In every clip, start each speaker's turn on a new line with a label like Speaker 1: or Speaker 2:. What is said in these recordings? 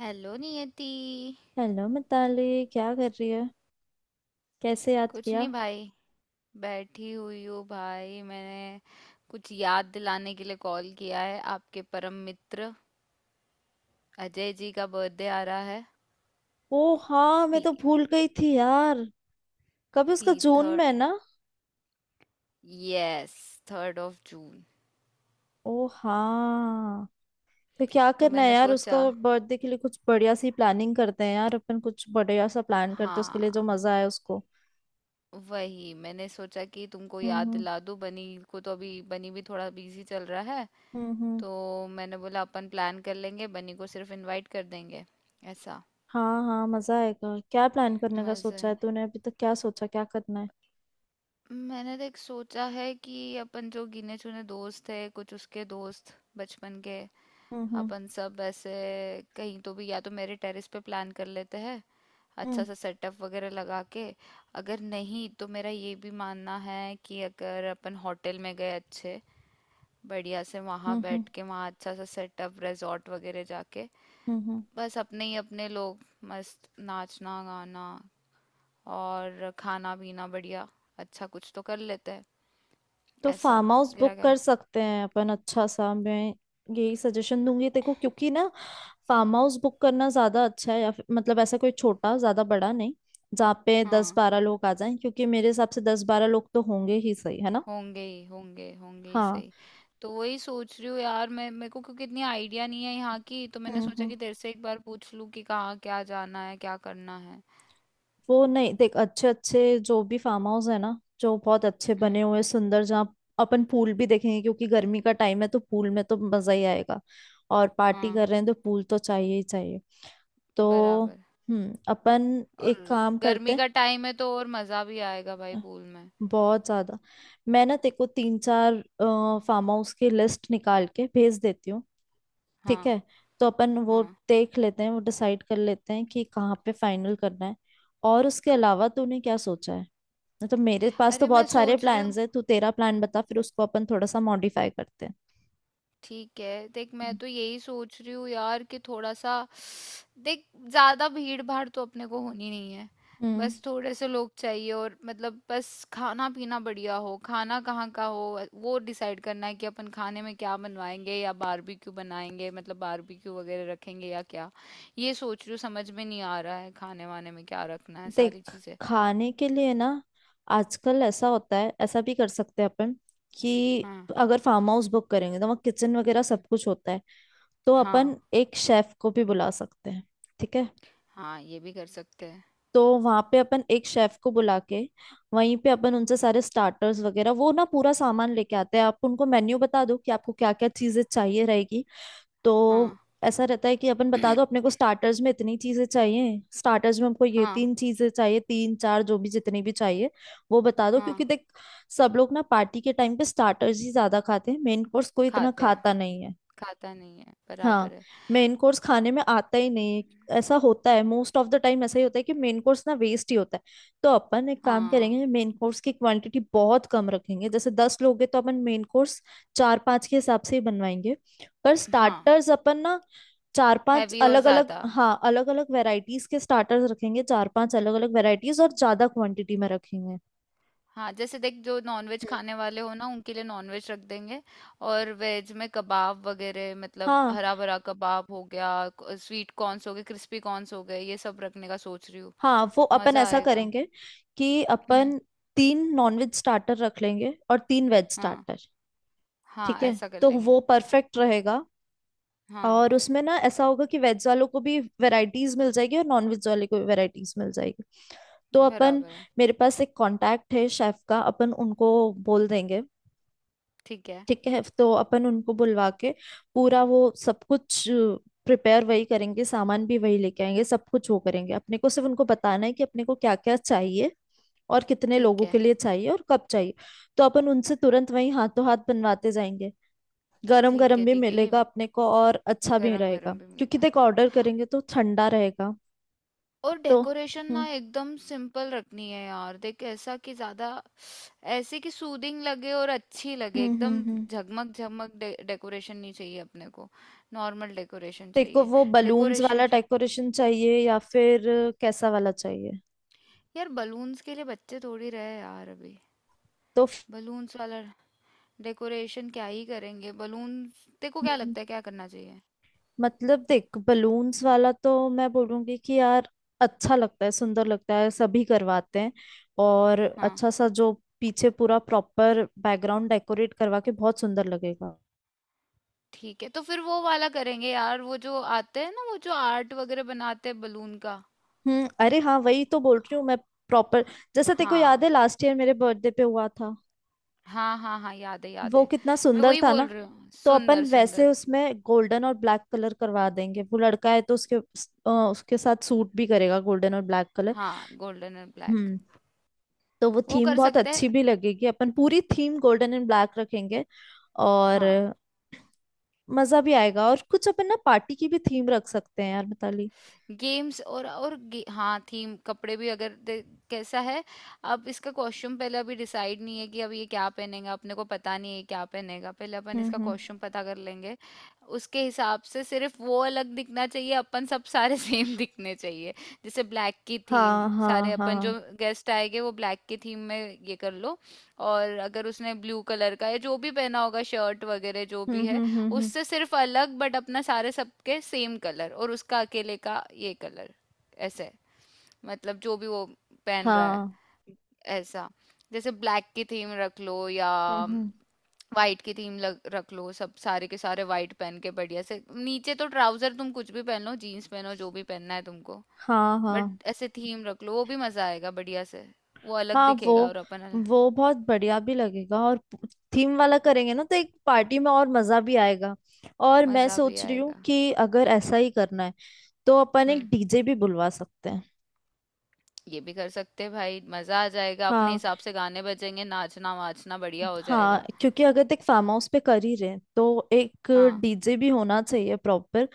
Speaker 1: Hello Niyati.
Speaker 2: Hello Mitali, क्या कर रही है? कैसे याद
Speaker 1: कुछ
Speaker 2: किया?
Speaker 1: नहीं भाई, बैठी हुई हूँ भाई। मैंने कुछ याद दिलाने के लिए कॉल किया है, आपके परम मित्र अजय जी का बर्थडे आ रहा है।
Speaker 2: ओ हाँ, मैं
Speaker 1: ती,
Speaker 2: तो भूल गई थी यार। कभी
Speaker 1: ती,
Speaker 2: उसका जून में
Speaker 1: थर्ड,
Speaker 2: है ना?
Speaker 1: Yes, third of June.
Speaker 2: ओ हाँ। तो क्या
Speaker 1: तो
Speaker 2: करना है
Speaker 1: मैंने
Speaker 2: यार? उसका
Speaker 1: सोचा,
Speaker 2: बर्थडे के लिए कुछ बढ़िया सी प्लानिंग करते हैं यार। अपन कुछ बढ़िया सा प्लान करते हैं
Speaker 1: हाँ,
Speaker 2: उसके लिए, जो मजा आए उसको।
Speaker 1: वही मैंने सोचा कि तुमको
Speaker 2: हम्म,
Speaker 1: याद
Speaker 2: हम्म,
Speaker 1: दिला दूँ। बनी को तो अभी बनी भी थोड़ा बिजी चल रहा है,
Speaker 2: हम्म, हम्म।
Speaker 1: तो मैंने बोला अपन प्लान कर लेंगे, बनी को सिर्फ इनवाइट कर देंगे ऐसा।
Speaker 2: हाँ हाँ, मजा आएगा। क्या प्लान करने का
Speaker 1: मजा,
Speaker 2: सोचा है तूने? अभी तक क्या सोचा, क्या करना है?
Speaker 1: मैंने देख सोचा है कि अपन जो गिने चुने दोस्त है, कुछ उसके दोस्त बचपन के,
Speaker 2: हम्म, हम्म,
Speaker 1: अपन सब ऐसे कहीं तो भी, या तो मेरे टेरेस पे प्लान कर लेते हैं, अच्छा
Speaker 2: हम्म,
Speaker 1: सा सेटअप वगैरह लगा के। अगर नहीं तो मेरा ये भी मानना है कि अगर अपन होटल में गए अच्छे, बढ़िया से वहाँ
Speaker 2: हम्म, हम्म,
Speaker 1: बैठ के, वहाँ अच्छा सा सेटअप, रिजॉर्ट वगैरह जाके,
Speaker 2: हम्म,
Speaker 1: बस अपने ही अपने लोग, मस्त नाचना गाना और खाना पीना बढ़िया, अच्छा कुछ तो कर लेते हैं
Speaker 2: तो
Speaker 1: ऐसा।
Speaker 2: फार्म हाउस
Speaker 1: तेरा
Speaker 2: बुक
Speaker 1: क्या?
Speaker 2: कर सकते हैं अपन अच्छा सा। मैं यही सजेशन दूंगी, देखो क्योंकि ना, फार्म हाउस बुक करना ज्यादा अच्छा है, या फिर मतलब ऐसा कोई छोटा, ज्यादा बड़ा नहीं, जहाँ पे दस
Speaker 1: हाँ
Speaker 2: बारह लोग आ जाएं। क्योंकि मेरे हिसाब से 10-12 लोग तो होंगे ही, सही है ना?
Speaker 1: होंगे ही, होंगे, होंगे ही
Speaker 2: हाँ।
Speaker 1: सही। तो वही सोच रही हूँ यार मैं, मेरे को क्योंकि इतनी आइडिया नहीं है यहाँ की, तो मैंने
Speaker 2: हम्म,
Speaker 1: सोचा
Speaker 2: हम्म।
Speaker 1: कि तेरे से एक बार पूछ लूँ कि कहाँ क्या जाना है, क्या करना है।
Speaker 2: वो नहीं, देख अच्छे अच्छे जो भी फार्म हाउस है ना, जो बहुत अच्छे
Speaker 1: हम्म,
Speaker 2: बने हुए सुंदर, जहाँ अपन पूल भी देखेंगे, क्योंकि गर्मी का टाइम है, तो पूल में तो मजा ही आएगा। और पार्टी
Speaker 1: हाँ,
Speaker 2: कर रहे हैं तो पूल तो चाहिए ही चाहिए। तो
Speaker 1: बराबर।
Speaker 2: अपन
Speaker 1: और
Speaker 2: एक काम
Speaker 1: गर्मी
Speaker 2: करते
Speaker 1: का टाइम है तो और मज़ा भी आएगा भाई
Speaker 2: हैं।
Speaker 1: पूल में।
Speaker 2: बहुत ज्यादा। मैं ना तेको तीन चार फार्म हाउस की लिस्ट निकाल के भेज देती हूँ। ठीक
Speaker 1: हाँ
Speaker 2: है। तो अपन वो
Speaker 1: हाँ।
Speaker 2: देख लेते हैं, वो डिसाइड कर लेते हैं कि कहाँ पे फाइनल करना है। और उसके अलावा तूने क्या सोचा है? नहीं तो मेरे पास तो
Speaker 1: अरे मैं
Speaker 2: बहुत सारे
Speaker 1: सोच रही हूँ,
Speaker 2: प्लान्स हैं। तू तेरा प्लान बता, फिर उसको अपन थोड़ा सा मॉडिफाई करते हैं।
Speaker 1: ठीक है देख, मैं तो यही सोच रही हूँ यार कि थोड़ा सा, देख, ज्यादा भीड़ भाड़ तो अपने को होनी नहीं है,
Speaker 2: हम्म
Speaker 1: बस थोड़े से लोग चाहिए, और मतलब बस खाना पीना बढ़िया हो। खाना कहाँ का हो, वो डिसाइड करना है कि अपन खाने में क्या बनवाएंगे, या बारबेक्यू बनाएंगे, मतलब बारबेक्यू वगैरह रखेंगे या क्या। ये सोच रही हूँ, समझ में नहीं आ रहा है खाने वाने में क्या रखना है
Speaker 2: देख,
Speaker 1: सारी चीजें।
Speaker 2: खाने के लिए ना आजकल ऐसा होता है, ऐसा भी कर सकते हैं अपन, कि
Speaker 1: हाँ।
Speaker 2: अगर फार्म हाउस बुक करेंगे तो वहाँ किचन वगैरह
Speaker 1: हम्म,
Speaker 2: सब कुछ होता है। तो
Speaker 1: हाँ।
Speaker 2: अपन एक शेफ को भी बुला सकते हैं। ठीक है,
Speaker 1: हाँ ये भी कर सकते हैं।
Speaker 2: तो वहां पे अपन एक शेफ को बुला के वहीं पे अपन उनसे सारे स्टार्टर्स वगैरह, वो ना पूरा सामान लेके आते हैं, आप उनको मेन्यू बता दो कि आपको क्या क्या चीजें चाहिए रहेगी। तो
Speaker 1: हाँ।
Speaker 2: ऐसा रहता है कि अपन बता दो, अपने को स्टार्टर्स में इतनी चीजें चाहिए, स्टार्टर्स में हमको ये
Speaker 1: हाँ।
Speaker 2: तीन चीजें चाहिए, तीन चार जो भी जितनी भी चाहिए, वो बता दो,
Speaker 1: हाँ
Speaker 2: क्योंकि देख, सब लोग ना पार्टी के टाइम पे स्टार्टर्स ही ज्यादा खाते हैं, मेन कोर्स कोई इतना
Speaker 1: खाते हैं,
Speaker 2: खाता नहीं है।
Speaker 1: खाता नहीं है, बराबर
Speaker 2: हाँ,
Speaker 1: है।
Speaker 2: मेन कोर्स खाने में आता ही नहीं है, ऐसा होता है। मोस्ट ऑफ द टाइम ऐसा ही होता है कि मेन कोर्स ना वेस्ट ही होता है। तो अपन एक काम
Speaker 1: हाँ।
Speaker 2: करेंगे, मेन कोर्स की क्वांटिटी बहुत कम रखेंगे। जैसे 10 लोग हैं तो अपन मेन कोर्स चार पांच के हिसाब से ही बनवाएंगे। पर
Speaker 1: हाँ
Speaker 2: स्टार्टर्स अपन ना चार पांच
Speaker 1: हैवी और
Speaker 2: अलग अलग,
Speaker 1: ज़्यादा।
Speaker 2: हाँ अलग अलग वेराइटीज के स्टार्टर्स रखेंगे, चार पांच अलग अलग वेराइटीज और ज्यादा क्वांटिटी में रखेंगे।
Speaker 1: हाँ जैसे देख, जो नॉनवेज
Speaker 2: हम्म।
Speaker 1: खाने वाले हो ना, उनके लिए नॉनवेज रख देंगे। और वेज में कबाब वगैरह, मतलब
Speaker 2: हाँ
Speaker 1: हरा भरा कबाब हो गया, स्वीट कॉर्न्स हो गए, क्रिस्पी कॉर्न्स हो गए, ये सब रखने का सोच रही हूँ।
Speaker 2: हाँ, वो अपन
Speaker 1: मज़ा
Speaker 2: ऐसा
Speaker 1: आएगा।
Speaker 2: करेंगे कि
Speaker 1: हम्म।
Speaker 2: अपन तीन नॉनवेज स्टार्टर रख लेंगे और तीन वेज
Speaker 1: हाँ,
Speaker 2: स्टार्टर।
Speaker 1: हाँ
Speaker 2: ठीक है,
Speaker 1: ऐसा कर
Speaker 2: तो
Speaker 1: लेंगे।
Speaker 2: वो परफेक्ट रहेगा।
Speaker 1: हाँ,
Speaker 2: और उसमें ना ऐसा होगा कि वेज वालों को भी वैरायटीज मिल जाएगी और नॉन वेज वाले को भी वैरायटीज मिल जाएगी। तो अपन,
Speaker 1: बराबर है।
Speaker 2: मेरे पास एक कांटेक्ट है शेफ का, अपन उनको बोल देंगे।
Speaker 1: ठीक है,
Speaker 2: ठीक है, तो अपन उनको बुलवा के पूरा वो सब कुछ प्रिपेयर वही करेंगे, सामान भी वही लेके आएंगे, सब कुछ वो करेंगे। अपने को सिर्फ उनको बताना है कि अपने को क्या क्या चाहिए, और कितने
Speaker 1: ठीक
Speaker 2: लोगों
Speaker 1: है।
Speaker 2: के लिए चाहिए, और कब चाहिए। तो अपन उनसे तुरंत वही हाथों हाथ बनवाते जाएंगे, गरम
Speaker 1: ठीक
Speaker 2: गरम
Speaker 1: है
Speaker 2: भी
Speaker 1: ठीक है ये।
Speaker 2: मिलेगा अपने को और अच्छा भी
Speaker 1: गरम
Speaker 2: रहेगा,
Speaker 1: गरम भी
Speaker 2: क्योंकि
Speaker 1: मिलेगा।
Speaker 2: देखो ऑर्डर करेंगे तो ठंडा रहेगा।
Speaker 1: और
Speaker 2: तो
Speaker 1: डेकोरेशन ना
Speaker 2: हम्म,
Speaker 1: एकदम सिंपल रखनी है यार, देख ऐसा कि ज्यादा, ऐसे कि सूदिंग लगे और अच्छी लगे
Speaker 2: हम्म, हम्म,
Speaker 1: एकदम। झगमग झगमग डेकोरेशन नहीं चाहिए अपने को, नॉर्मल डेकोरेशन
Speaker 2: तेरे को
Speaker 1: चाहिए।
Speaker 2: वो बलून्स
Speaker 1: डेकोरेशन,
Speaker 2: वाला डेकोरेशन चाहिए या फिर कैसा वाला चाहिए?
Speaker 1: यार बलून्स के लिए बच्चे थोड़ी रहे यार अभी।
Speaker 2: तो
Speaker 1: बलून्स वाला डेकोरेशन क्या ही करेंगे बलून। तेरे को क्या
Speaker 2: हम्म।
Speaker 1: लगता है क्या करना चाहिए?
Speaker 2: मतलब देख, बलून्स वाला तो मैं बोलूंगी कि यार अच्छा लगता है, सुंदर लगता है, सभी करवाते हैं, और
Speaker 1: हाँ,
Speaker 2: अच्छा सा जो पीछे पूरा प्रॉपर बैकग्राउंड डेकोरेट करवा के बहुत सुंदर लगेगा।
Speaker 1: ठीक है तो फिर वो वाला करेंगे यार, वो जो आते हैं ना, वो जो आर्ट वगैरह बनाते हैं बलून का।
Speaker 2: अरे हाँ, वही तो बोल रही हूँ मैं, प्रॉपर। जैसे तेको याद
Speaker 1: हाँ,
Speaker 2: है लास्ट ईयर मेरे बर्थडे पे हुआ था,
Speaker 1: हाँ हाँ हाँ याद है, याद
Speaker 2: वो
Speaker 1: है।
Speaker 2: कितना
Speaker 1: मैं
Speaker 2: सुंदर
Speaker 1: वही
Speaker 2: था
Speaker 1: बोल
Speaker 2: ना।
Speaker 1: रही हूँ,
Speaker 2: तो अपन
Speaker 1: सुंदर
Speaker 2: वैसे
Speaker 1: सुंदर।
Speaker 2: उसमें गोल्डन और ब्लैक कलर करवा देंगे, वो लड़का है तो उसके, उसके साथ सूट भी करेगा गोल्डन और ब्लैक कलर।
Speaker 1: हाँ गोल्डन और ब्लैक।
Speaker 2: हम्म तो वो
Speaker 1: वो
Speaker 2: थीम
Speaker 1: कर
Speaker 2: बहुत
Speaker 1: सकते
Speaker 2: अच्छी
Speaker 1: हैं।
Speaker 2: भी लगेगी, अपन पूरी थीम गोल्डन एंड ब्लैक रखेंगे। और
Speaker 1: हाँ।
Speaker 2: मजा भी आएगा। और कुछ अपन ना पार्टी की भी थीम रख सकते हैं यार मिताली।
Speaker 1: गेम्स और हाँ थीम कपड़े भी अगर दे-, कैसा है? अब इसका कॉस्ट्यूम पहले अभी डिसाइड नहीं है कि अब ये क्या पहनेगा, अपने को पता नहीं है क्या पहनेगा, पहले अपन
Speaker 2: हम्म,
Speaker 1: इसका
Speaker 2: हम्म।
Speaker 1: कॉस्ट्यूम पता कर लेंगे। उसके हिसाब से सिर्फ वो अलग दिखना चाहिए, अपन सब सारे सेम दिखने चाहिए। जैसे ब्लैक की थीम,
Speaker 2: हाँ हाँ
Speaker 1: सारे अपन
Speaker 2: हाँ।
Speaker 1: जो गेस्ट आएंगे वो ब्लैक की थीम में, ये कर लो। और अगर उसने ब्लू कलर का, या जो भी पहना होगा, शर्ट वगैरह जो भी
Speaker 2: हम्म,
Speaker 1: है,
Speaker 2: हम्म, हम्म, हम्म।
Speaker 1: उससे सिर्फ अलग। बट अपना सारे, सबके सेम कलर और उसका अकेले का ये कलर, ऐसे। मतलब जो भी वो पहन रहा है,
Speaker 2: हाँ।
Speaker 1: ऐसा। जैसे ब्लैक की थीम रख लो, या
Speaker 2: हम्म, हम्म।
Speaker 1: वाइट की थीम लग, रख लो। सब सारे के सारे वाइट पहन के बढ़िया से, नीचे तो ट्राउजर तुम कुछ भी पहन लो, जीन्स पहनो, जो भी पहनना है तुमको,
Speaker 2: हाँ
Speaker 1: बट
Speaker 2: हाँ
Speaker 1: ऐसे थीम रख लो, वो भी मजा आएगा बढ़िया से। वो अलग
Speaker 2: हाँ। वो
Speaker 1: दिखेगा और अपन अलग-।
Speaker 2: वो बहुत बढ़िया भी लगेगा। और थीम वाला करेंगे ना, तो एक पार्टी में और मजा भी आएगा। और मैं
Speaker 1: मजा भी
Speaker 2: सोच रही हूँ
Speaker 1: आएगा।
Speaker 2: कि अगर ऐसा ही करना है, तो अपन
Speaker 1: हम्म,
Speaker 2: एक डीजे भी बुलवा सकते हैं।
Speaker 1: ये भी कर सकते हैं भाई, मजा आ जाएगा, अपने
Speaker 2: हाँ
Speaker 1: हिसाब से गाने बजेंगे, नाचना वाचना बढ़िया हो
Speaker 2: हाँ,
Speaker 1: जाएगा।
Speaker 2: क्योंकि अगर देख फार्म हाउस पे कर ही रहे हैं, तो एक
Speaker 1: हाँ
Speaker 2: डीजे भी होना चाहिए प्रॉपर।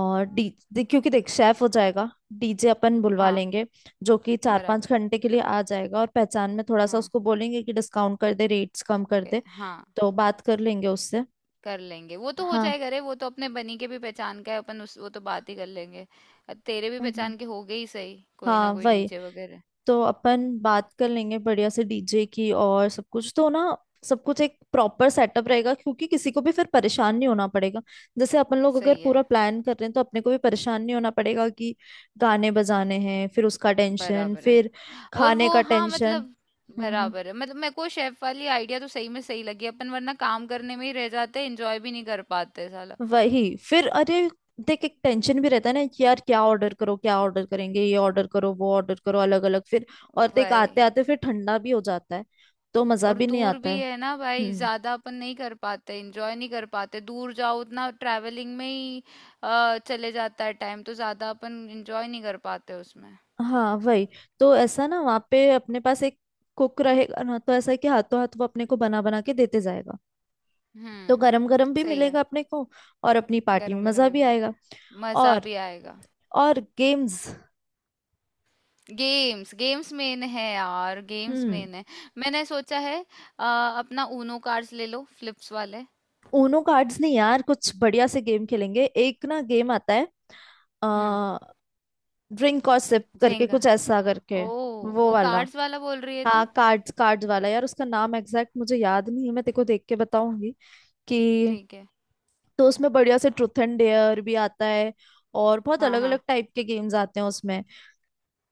Speaker 2: और क्योंकि देख शेफ हो जाएगा, डीजे अपन बुलवा
Speaker 1: हाँ,
Speaker 2: लेंगे जो कि 4-5
Speaker 1: बराबर।
Speaker 2: घंटे के लिए आ जाएगा, और पहचान में थोड़ा सा
Speaker 1: हाँ
Speaker 2: उसको बोलेंगे कि डिस्काउंट कर दे, रेट्स कम कर दे।
Speaker 1: हाँ
Speaker 2: तो बात कर लेंगे उससे।
Speaker 1: कर लेंगे, वो तो हो
Speaker 2: हाँ।
Speaker 1: जाएगा रे, वो तो अपने बनी के भी पहचान का है, अपन उस वो तो बात ही कर लेंगे। तेरे भी
Speaker 2: हम्म।
Speaker 1: पहचान के हो गए ही सही, कोई ना
Speaker 2: हाँ
Speaker 1: कोई
Speaker 2: वही।
Speaker 1: डीजे वगैरह।
Speaker 2: तो अपन बात कर लेंगे बढ़िया से डीजे की, और सब कुछ तो ना, सब कुछ एक प्रॉपर सेटअप रहेगा, क्योंकि किसी को भी फिर परेशान नहीं होना पड़ेगा। जैसे अपन लोग अगर
Speaker 1: सही
Speaker 2: पूरा
Speaker 1: है,
Speaker 2: प्लान कर रहे हैं तो अपने को भी परेशान नहीं होना पड़ेगा कि गाने बजाने हैं, फिर उसका टेंशन,
Speaker 1: बराबर है।
Speaker 2: फिर
Speaker 1: और
Speaker 2: खाने
Speaker 1: वो
Speaker 2: का
Speaker 1: हाँ
Speaker 2: टेंशन।
Speaker 1: मतलब
Speaker 2: हम्म, हम्म।
Speaker 1: बराबर है, मतलब मेरे को शेफ वाली आइडिया तो सही में सही लगी, अपन वरना काम करने में ही रह जाते, एंजॉय भी नहीं कर पाते साला।
Speaker 2: वही फिर, अरे देख, एक टेंशन भी रहता है ना कि यार क्या ऑर्डर करो, क्या ऑर्डर करेंगे, ये ऑर्डर करो, वो ऑर्डर करो, अलग अलग फिर। और देख आते
Speaker 1: वही।
Speaker 2: आते फिर ठंडा भी हो जाता है, तो मजा
Speaker 1: और
Speaker 2: भी नहीं
Speaker 1: दूर
Speaker 2: आता
Speaker 1: भी
Speaker 2: है।
Speaker 1: है ना भाई,
Speaker 2: हम्म।
Speaker 1: ज्यादा अपन नहीं कर पाते एंजॉय नहीं कर पाते, दूर जाओ उतना ट्रैवलिंग में ही चले जाता है टाइम, तो ज्यादा अपन एंजॉय नहीं कर पाते उसमें।
Speaker 2: हाँ वही। तो ऐसा ना वहाँ पे अपने पास एक कुक रहेगा ना, तो ऐसा है कि हाथों हाथ वो अपने को बना बना के देते जाएगा। तो
Speaker 1: हम्म,
Speaker 2: गरम गरम भी
Speaker 1: सही है।
Speaker 2: मिलेगा अपने को, और अपनी पार्टी में
Speaker 1: गरम गरम
Speaker 2: मजा
Speaker 1: भी
Speaker 2: भी
Speaker 1: मिलेगा,
Speaker 2: आएगा।
Speaker 1: मजा
Speaker 2: और
Speaker 1: भी आएगा।
Speaker 2: और गेम्स।
Speaker 1: गेम्स, गेम्स मेन है यार, गेम्स
Speaker 2: हम्म
Speaker 1: मेन है। मैंने सोचा है, अ, अपना ऊनो कार्ड्स ले लो, फ्लिप्स वाले।
Speaker 2: ऊनो कार्ड्स नहीं यार, कुछ बढ़िया से गेम खेलेंगे। एक ना गेम आता है,
Speaker 1: हम्म,
Speaker 2: ड्रिंक और सिप करके
Speaker 1: झेंगा,
Speaker 2: कुछ ऐसा करके,
Speaker 1: ओ,
Speaker 2: वो
Speaker 1: वो
Speaker 2: वाला।
Speaker 1: कार्ड्स वाला बोल रही है तू?
Speaker 2: हाँ, कार्ड्स कार्ड्स वाला यार, उसका नाम एग्जैक्ट मुझे याद नहीं है, मैं तेरे को देख के बताऊंगी कि।
Speaker 1: ठीक है।
Speaker 2: तो उसमें बढ़िया से ट्रूथ एंड डेयर भी आता है, और बहुत
Speaker 1: हाँ
Speaker 2: अलग अलग
Speaker 1: हाँ,
Speaker 2: टाइप के गेम्स आते हैं उसमें।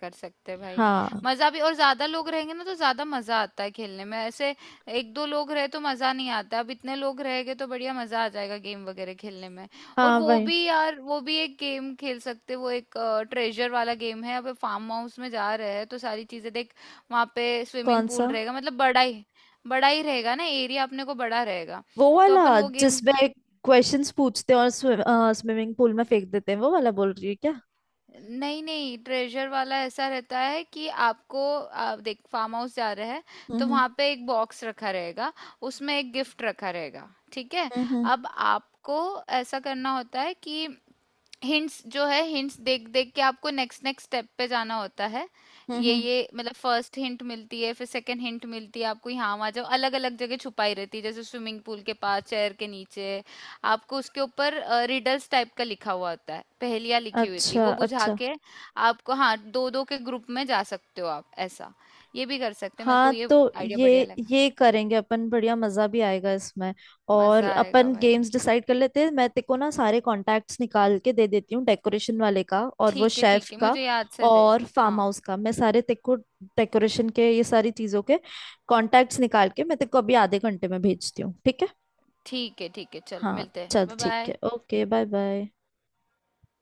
Speaker 1: कर सकते हैं भाई।
Speaker 2: हाँ
Speaker 1: मजा भी, और ज्यादा लोग रहेंगे ना तो ज्यादा मजा आता है खेलने में ऐसे। एक दो लोग रहे तो मजा नहीं आता, अब इतने लोग रहेंगे तो बढ़िया मजा आ जाएगा गेम वगैरह खेलने में। और
Speaker 2: हाँ
Speaker 1: वो
Speaker 2: वही।
Speaker 1: भी यार, वो भी एक गेम खेल सकते हैं, वो एक ट्रेजर वाला गेम है। अब फार्म हाउस में जा रहे हैं तो सारी चीजें देख, वहां पे स्विमिंग
Speaker 2: कौन सा?
Speaker 1: पूल रहेगा, मतलब बड़ा ही, बड़ा ही रहेगा ना एरिया, अपने को बड़ा रहेगा,
Speaker 2: वो
Speaker 1: तो
Speaker 2: वाला
Speaker 1: अपन वो गेम।
Speaker 2: जिसमें क्वेश्चंस पूछते हैं और स्विमिंग पूल में फेंक देते हैं, वो वाला बोल रही है क्या?
Speaker 1: नहीं नहीं ट्रेजर वाला ऐसा रहता है कि आपको, आप देख फार्म हाउस जा रहे हैं, तो
Speaker 2: हम्म,
Speaker 1: वहाँ पे एक बॉक्स रखा रहेगा, उसमें एक गिफ्ट रखा रहेगा, ठीक है।
Speaker 2: हम्म, हम्म,
Speaker 1: अब आपको ऐसा करना होता है कि हिंट्स जो है, हिंट्स देख देख के आपको नेक्स्ट नेक्स्ट स्टेप पे जाना होता है।
Speaker 2: हम्म,
Speaker 1: ये
Speaker 2: हम्म।
Speaker 1: ये मतलब फर्स्ट हिंट मिलती है, फिर सेकंड हिंट मिलती है, आपको यहाँ वहाँ जाओ, अलग अलग जगह छुपाई रहती है, जैसे स्विमिंग पूल के पास चेयर के नीचे, आपको उसके ऊपर रिडल्स टाइप का लिखा हुआ होता है, पहेलियाँ लिखी हुई थी,
Speaker 2: अच्छा
Speaker 1: वो बुझा
Speaker 2: अच्छा।
Speaker 1: के आपको, हाँ दो दो के ग्रुप में जा सकते हो आप ऐसा। ये भी कर सकते हैं, मेरे को
Speaker 2: हाँ
Speaker 1: ये
Speaker 2: तो,
Speaker 1: आइडिया
Speaker 2: ये
Speaker 1: बढ़िया लगा।
Speaker 2: ये करेंगे अपन, बढ़िया मजा भी आएगा इसमें। और
Speaker 1: मजा आएगा
Speaker 2: अपन
Speaker 1: भाई।
Speaker 2: गेम्स डिसाइड कर लेते हैं। मैं तेको ना सारे कॉन्टैक्ट्स निकाल के दे देती हूँ, डेकोरेशन वाले का और वो
Speaker 1: ठीक है
Speaker 2: शेफ
Speaker 1: ठीक है,
Speaker 2: का,
Speaker 1: मुझे याद से दे।
Speaker 2: और
Speaker 1: हाँ
Speaker 2: फार्म हाउस का। मैं सारे तेको डेकोरेशन के, ये सारी चीजों के कॉन्टैक्ट्स निकाल के मैं तेको अभी आधे घंटे में भेजती हूँ। ठीक है?
Speaker 1: ठीक है ठीक है, चल
Speaker 2: हाँ,
Speaker 1: मिलते हैं,
Speaker 2: चल
Speaker 1: बाय
Speaker 2: ठीक
Speaker 1: बाय।
Speaker 2: है, ओके, बाय बाय।